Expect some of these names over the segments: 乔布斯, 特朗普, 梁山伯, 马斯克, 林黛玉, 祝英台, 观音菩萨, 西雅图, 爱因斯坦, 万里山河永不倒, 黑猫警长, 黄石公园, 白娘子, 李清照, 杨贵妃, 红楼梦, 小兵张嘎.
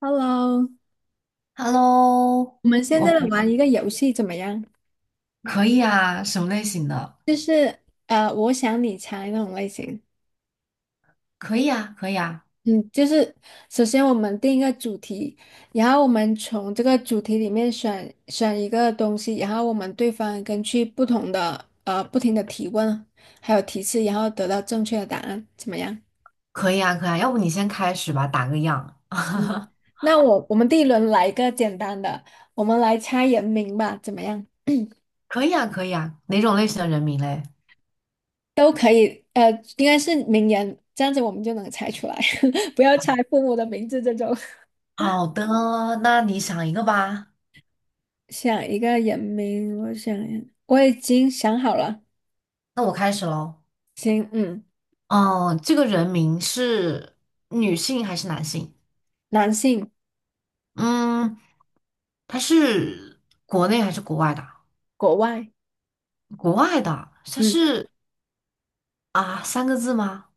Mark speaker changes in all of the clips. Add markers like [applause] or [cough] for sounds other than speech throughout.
Speaker 1: Hello，
Speaker 2: Hello，
Speaker 1: 我们现
Speaker 2: 我
Speaker 1: 在来玩
Speaker 2: 们
Speaker 1: 一个游戏怎么样？
Speaker 2: 可以啊，什么类型的？
Speaker 1: 就是我想你猜那种类型。
Speaker 2: 可以啊，可以啊，
Speaker 1: 嗯，就是首先我们定一个主题，然后我们从这个主题里面选一个东西，然后我们对方根据不同的不停的提问还有提示，然后得到正确的答案，怎么样？
Speaker 2: 可以啊，可以啊。要不你先开始吧，打个样。
Speaker 1: 行，
Speaker 2: [laughs]
Speaker 1: 那我们第一轮来一个简单的，我们来猜人名吧，怎么样？
Speaker 2: 可以啊，可以啊。哪种类型的人名嘞？
Speaker 1: 都可以，应该是名言，这样子我们就能猜出来，[laughs] 不要猜父母的名字这种。
Speaker 2: 好的，那你想一个吧。
Speaker 1: 想一个人名，我想一下我已经想好了。
Speaker 2: 那我开始喽。
Speaker 1: 行，嗯，
Speaker 2: 哦，这个人名是女性还是男性？
Speaker 1: 男性，
Speaker 2: 嗯，他是国内还是国外的？
Speaker 1: 国外，
Speaker 2: 国外的，他
Speaker 1: 嗯，
Speaker 2: 是啊，三个字吗？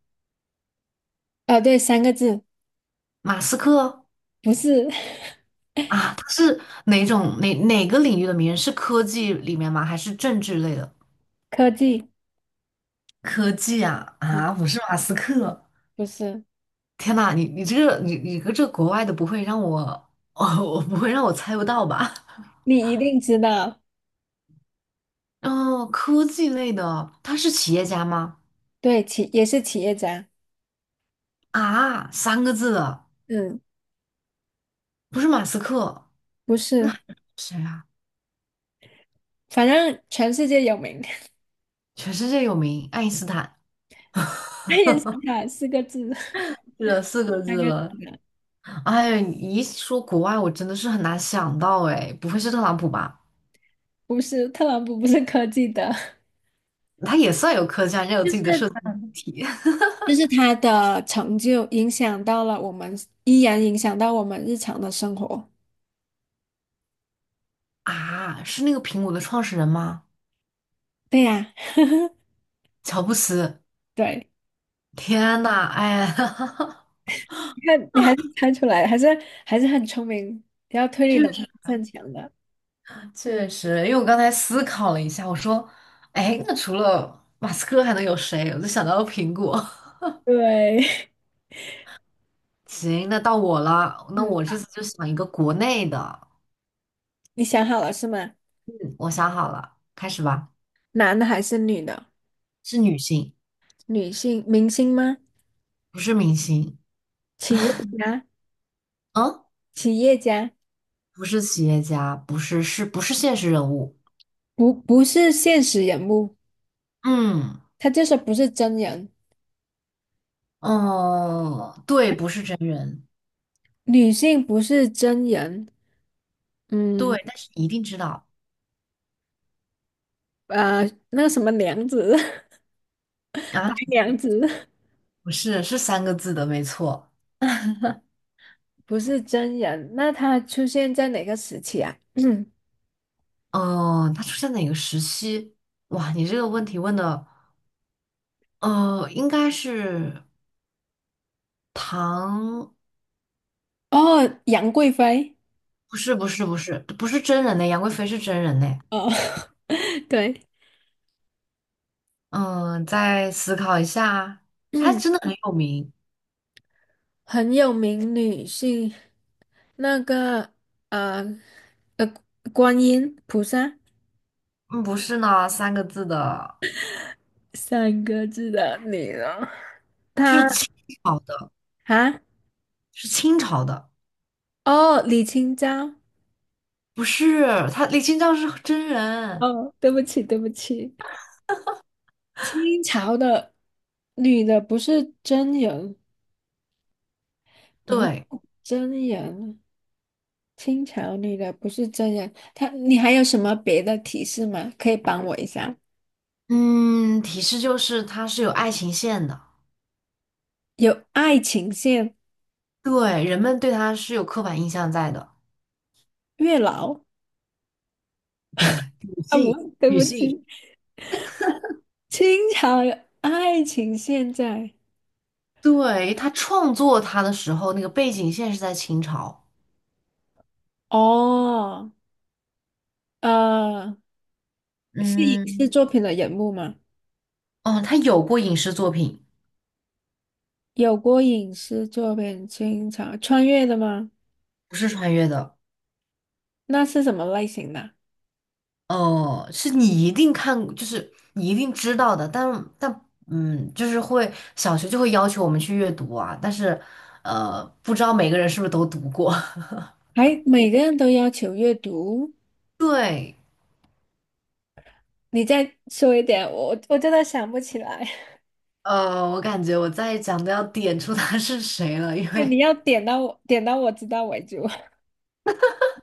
Speaker 1: 哦，对，三个字，
Speaker 2: 马斯克。
Speaker 1: 不是。
Speaker 2: 啊，他是哪种哪哪个领域的名人？是科技里面吗？还是政治类的？
Speaker 1: [laughs] 科技，
Speaker 2: 科技啊
Speaker 1: 嗯，
Speaker 2: 啊，不是马斯克。
Speaker 1: 不是，
Speaker 2: 天呐，你这个国外的不会让我 [laughs] 哦，我不会让我猜不到吧？
Speaker 1: 你一定知道，
Speaker 2: [laughs] 哦，科技类的，他是企业家吗？
Speaker 1: 对，企也是企业家，
Speaker 2: 啊，三个字的，
Speaker 1: 嗯，
Speaker 2: 不是马斯克，
Speaker 1: 不是，
Speaker 2: 谁啊？
Speaker 1: 反正全世界有名，[laughs]
Speaker 2: 全世界有名，爱因斯坦。[laughs]
Speaker 1: 爱因斯坦四个字，
Speaker 2: 是的，四个
Speaker 1: 三
Speaker 2: 字
Speaker 1: 个
Speaker 2: 了。
Speaker 1: 字的，
Speaker 2: 哎呀，你一说国外，我真的是很难想到哎，不会是特朗普吧？
Speaker 1: 不是，特朗普不是科技的。[laughs]
Speaker 2: 它也算有科技啊，人家有
Speaker 1: 就
Speaker 2: 自
Speaker 1: 是
Speaker 2: 己的设计媒体
Speaker 1: 就是他的成就影响到了我们，依然影响到我们日常的生活。
Speaker 2: [laughs] 啊。是那个苹果的创始人吗？
Speaker 1: 对呀，[laughs]
Speaker 2: 乔布斯。
Speaker 1: 对，
Speaker 2: 天呐，哎，[laughs]
Speaker 1: 你看你还是猜出来，还是很聪明，比较推理
Speaker 2: 确
Speaker 1: 能
Speaker 2: 实
Speaker 1: 力很强的。
Speaker 2: 确实，因为我刚才思考了一下，我说，哎，那除了马斯克还能有谁？我就想到了苹果。
Speaker 1: 对，
Speaker 2: [laughs] 行，那到我了，
Speaker 1: [laughs]
Speaker 2: 那
Speaker 1: 嗯，
Speaker 2: 我这次就想一个国内的，
Speaker 1: 你想好了是吗？
Speaker 2: 我想好了，开始吧。
Speaker 1: 男的还是女的？
Speaker 2: 是女性，
Speaker 1: 女性明星吗？
Speaker 2: 不是明星，
Speaker 1: 企业家，
Speaker 2: 嗯，
Speaker 1: 企业家，
Speaker 2: 不是企业家，不是现实人物，
Speaker 1: 不是现实人物，
Speaker 2: 嗯。
Speaker 1: 他就是不是真人。
Speaker 2: 哦，对，不是真人，
Speaker 1: 女性不是真人，嗯，
Speaker 2: 对，但是你一定知道
Speaker 1: 呃，那个什么娘子，[laughs] 白
Speaker 2: 啊，
Speaker 1: 娘子。
Speaker 2: 不是，是三个字的，没错。
Speaker 1: 不是真人，那他出现在哪个时期啊？嗯，
Speaker 2: 嗯、它出现哪个时期？哇，你这个问题问的，应该是唐，
Speaker 1: 哦，杨贵妃，
Speaker 2: 不是，不是，不是，不是真人的，杨贵妃是真人的。
Speaker 1: 哦，[laughs] 对，
Speaker 2: 嗯，再思考一下，还
Speaker 1: 嗯，
Speaker 2: 真的很有名。
Speaker 1: 很有名女性，那个呃呃，观音菩萨
Speaker 2: 嗯，不是呢，三个字的，
Speaker 1: 三个字的女人，她
Speaker 2: 是清朝的，
Speaker 1: 啊，
Speaker 2: 是清朝的，
Speaker 1: 哦，李清照，
Speaker 2: 不是，他李清照是真人，
Speaker 1: 哦，对不起，对不起，清朝的女的不是真人，不，是
Speaker 2: 对。
Speaker 1: 真人清朝女的不是真人，她你还有什么别的提示吗？可以帮我一下？
Speaker 2: 嗯，提示就是它是有爱情线的，
Speaker 1: 有爱情线、
Speaker 2: 对，人们对它是有刻板印象在的。
Speaker 1: 月老
Speaker 2: 女
Speaker 1: 啊，不，
Speaker 2: 性，
Speaker 1: 对
Speaker 2: 女
Speaker 1: 不
Speaker 2: 性，
Speaker 1: 起，清朝有爱情线在
Speaker 2: 对，他创作它的时候，那个背景线是在清朝。
Speaker 1: 哦，呃，是影视
Speaker 2: 嗯，
Speaker 1: 作品的人物吗？
Speaker 2: 哦，他有过影视作品，
Speaker 1: 有过影视作品，清朝穿越的吗？
Speaker 2: 不是穿越的，
Speaker 1: 那是什么类型的？
Speaker 2: 哦，是你一定看，就是你一定知道的，但但嗯，就是会小学就会要求我们去阅读啊，但是不知道每个人是不是都读过。
Speaker 1: 还每个人都要求阅读？
Speaker 2: [laughs] 对。
Speaker 1: 你再说一点，我真的想不起来。
Speaker 2: 我感觉我再讲都要点出他是谁了，因
Speaker 1: [laughs] 对，你
Speaker 2: 为
Speaker 1: 要点到我，点到我知道为止。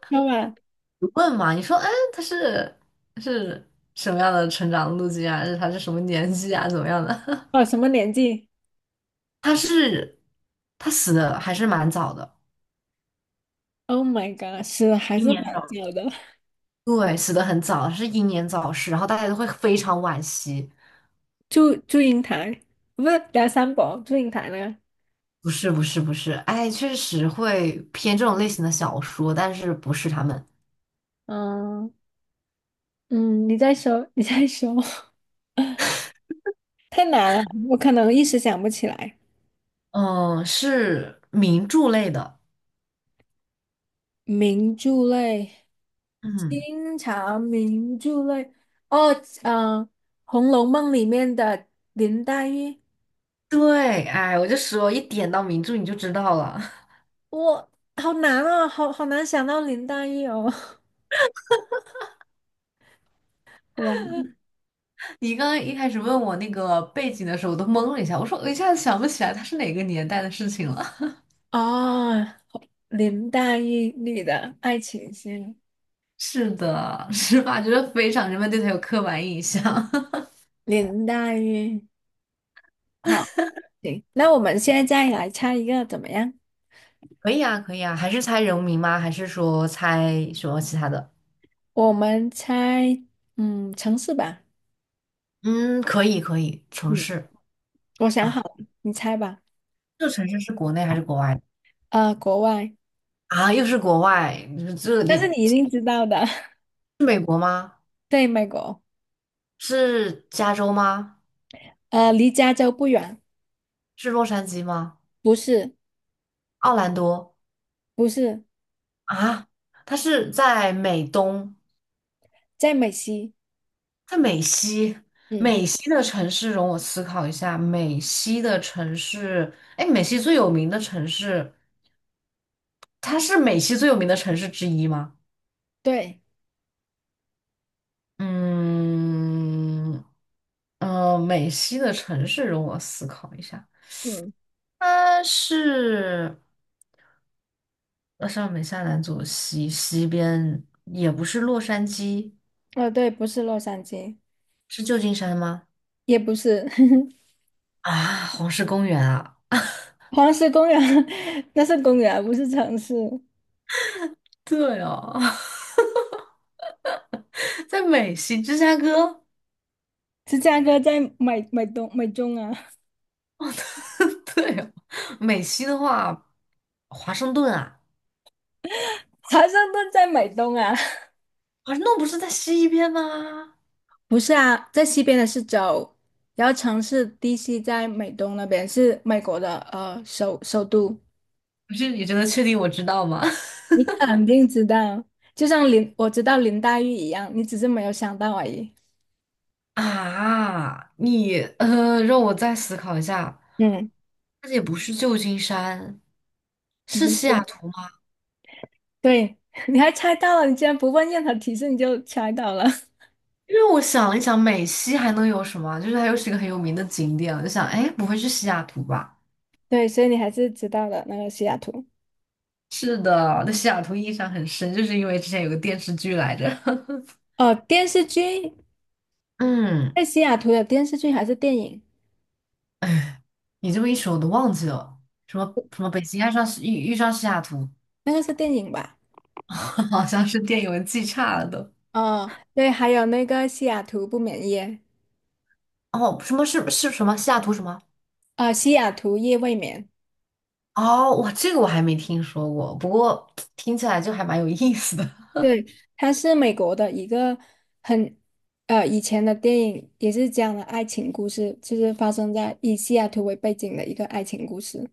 Speaker 1: 要吧？
Speaker 2: 你问嘛，你说，哎，他是什么样的成长路径啊？是他是什么年纪啊？怎么样的？
Speaker 1: 哦，什么年纪
Speaker 2: [laughs] 他是他死的还是蛮早的，
Speaker 1: ？Oh my god，是还是蛮久的。
Speaker 2: 对，死的很早，是英年早逝，然后大家都会非常惋惜。
Speaker 1: 祝英台，不是梁山伯，祝英台那个。
Speaker 2: 不是不是不是，哎，确实会偏这种类型的小说，但是不是他们，
Speaker 1: 嗯嗯，你再说，你再说，[laughs] 太难了，我可能一时想不起来。
Speaker 2: 嗯，是名著类的，
Speaker 1: 名著类，
Speaker 2: 嗯，
Speaker 1: 清朝名著类，哦，嗯，《红楼梦》里面的林黛玉，
Speaker 2: 对，哎，我就说一点到名著你就知道了。
Speaker 1: 我好难哦，好难想到林黛玉哦。[laughs] 哇，
Speaker 2: 你刚刚一开始问我那个背景的时候，我都懵了一下，我说我一下子想不起来它是哪个年代的事情了。
Speaker 1: 哦，林黛玉女的爱情线。
Speaker 2: [laughs] 是的，是吧？觉得非常人们对它有刻板印象。
Speaker 1: 林黛玉，好，行，那我们现在再来猜一个怎么样？
Speaker 2: [laughs] 可以啊，可以啊，还是猜人名吗？还是说猜什么其他的？
Speaker 1: 我们猜，嗯，城市吧。
Speaker 2: 嗯，可以，可以，城
Speaker 1: 嗯，
Speaker 2: 市。
Speaker 1: 我想好了，你猜吧。
Speaker 2: 这个城市是国内还是国外的？
Speaker 1: 呃，国外，
Speaker 2: 啊，又是国外，这
Speaker 1: 但是你
Speaker 2: 你
Speaker 1: 一定知道的，
Speaker 2: 是美国吗？
Speaker 1: [laughs] 对，美国。
Speaker 2: 是加州吗？
Speaker 1: 离加州不远，
Speaker 2: 是洛杉矶吗？
Speaker 1: 不是，
Speaker 2: 奥兰多
Speaker 1: 不是，
Speaker 2: 啊？他是在美东，
Speaker 1: 在美西。
Speaker 2: 在美西，
Speaker 1: 嗯，
Speaker 2: 美西的城市容我思考一下，美西的城市，哎，美西最有名的城市，它是美西最有名的城市之一吗？
Speaker 1: 对，
Speaker 2: 嗯，美西的城市容我思考一下，
Speaker 1: 嗯，
Speaker 2: 它是上北下南左西，西边也不是洛杉矶，
Speaker 1: 呃，对，不是洛杉矶，
Speaker 2: 是旧金山吗？
Speaker 1: 也不是。 [laughs]
Speaker 2: 啊，黄石公园啊，
Speaker 1: 黄石公园，[laughs] 那是公园，不是城市。
Speaker 2: 对哦，[laughs] 在美西，芝加哥。
Speaker 1: 芝加哥在美东美中啊，[laughs]
Speaker 2: [laughs] 对哦美西的话，华盛顿啊，
Speaker 1: 华盛顿在美东啊。
Speaker 2: 华盛顿不是在西边吗？
Speaker 1: 不是啊，在西边的是州，然后城市 DC 在美东那边，是美国的首都。
Speaker 2: 不是，你真的确定我知道吗？
Speaker 1: 你肯定知道，就像林我知道林黛玉一样，你只是没有想到而已。
Speaker 2: [laughs] 啊，你让我再思考一下，
Speaker 1: 嗯，
Speaker 2: 那也不是旧金山，
Speaker 1: [laughs] 不
Speaker 2: 是西雅
Speaker 1: 是
Speaker 2: 图吗？
Speaker 1: 对，[laughs] 你还猜到了，你竟然不问任何提示你就猜到了。
Speaker 2: 因为我想了一想，美西还能有什么啊？就是还有几个很有名的景点，我就想，哎，不会是西雅图吧？
Speaker 1: [laughs] 对，所以你还是知道的那个西雅图。
Speaker 2: 是的，对西雅图印象很深，就是因为之前有个电视剧来着。
Speaker 1: 哦，电视剧，
Speaker 2: [laughs] 嗯，
Speaker 1: 在西雅图的电视剧还是电影？
Speaker 2: 哎你这么一说，我都忘记了，什么什么北京爱上西遇上西雅图，
Speaker 1: 那个是电影吧？
Speaker 2: [laughs] 好像是电影文记差了都。
Speaker 1: 哦，对，还有那个西雅图不眠夜，
Speaker 2: 哦，什么是什么西雅图什么？
Speaker 1: 啊、西雅图夜未眠。
Speaker 2: 哦，哇，这个我还没听说过，不过听起来就还蛮有意思的。
Speaker 1: 对，它是美国的一个很以前的电影，也是讲了爱情故事，就是发生在以西雅图为背景的一个爱情故事。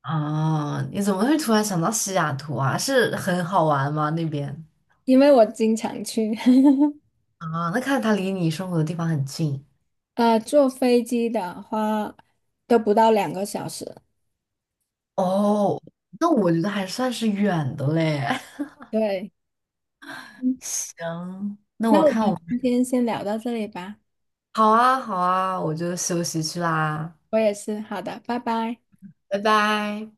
Speaker 2: 啊，你怎么会突然想到西雅图啊？是很好玩吗？那边
Speaker 1: 因为我经常去，[laughs]
Speaker 2: 啊，那看来它离你生活的地方很近
Speaker 1: 坐飞机的话都不到2个小时。
Speaker 2: 哦。那我觉得还算是远的嘞。[laughs]
Speaker 1: 对，嗯，
Speaker 2: 行，那
Speaker 1: 那
Speaker 2: 我
Speaker 1: 我
Speaker 2: 看
Speaker 1: 们
Speaker 2: 我
Speaker 1: 今天先聊到这里吧。
Speaker 2: 好啊，好啊，我就休息去啦，
Speaker 1: 我也是，好的，拜拜。
Speaker 2: 拜拜。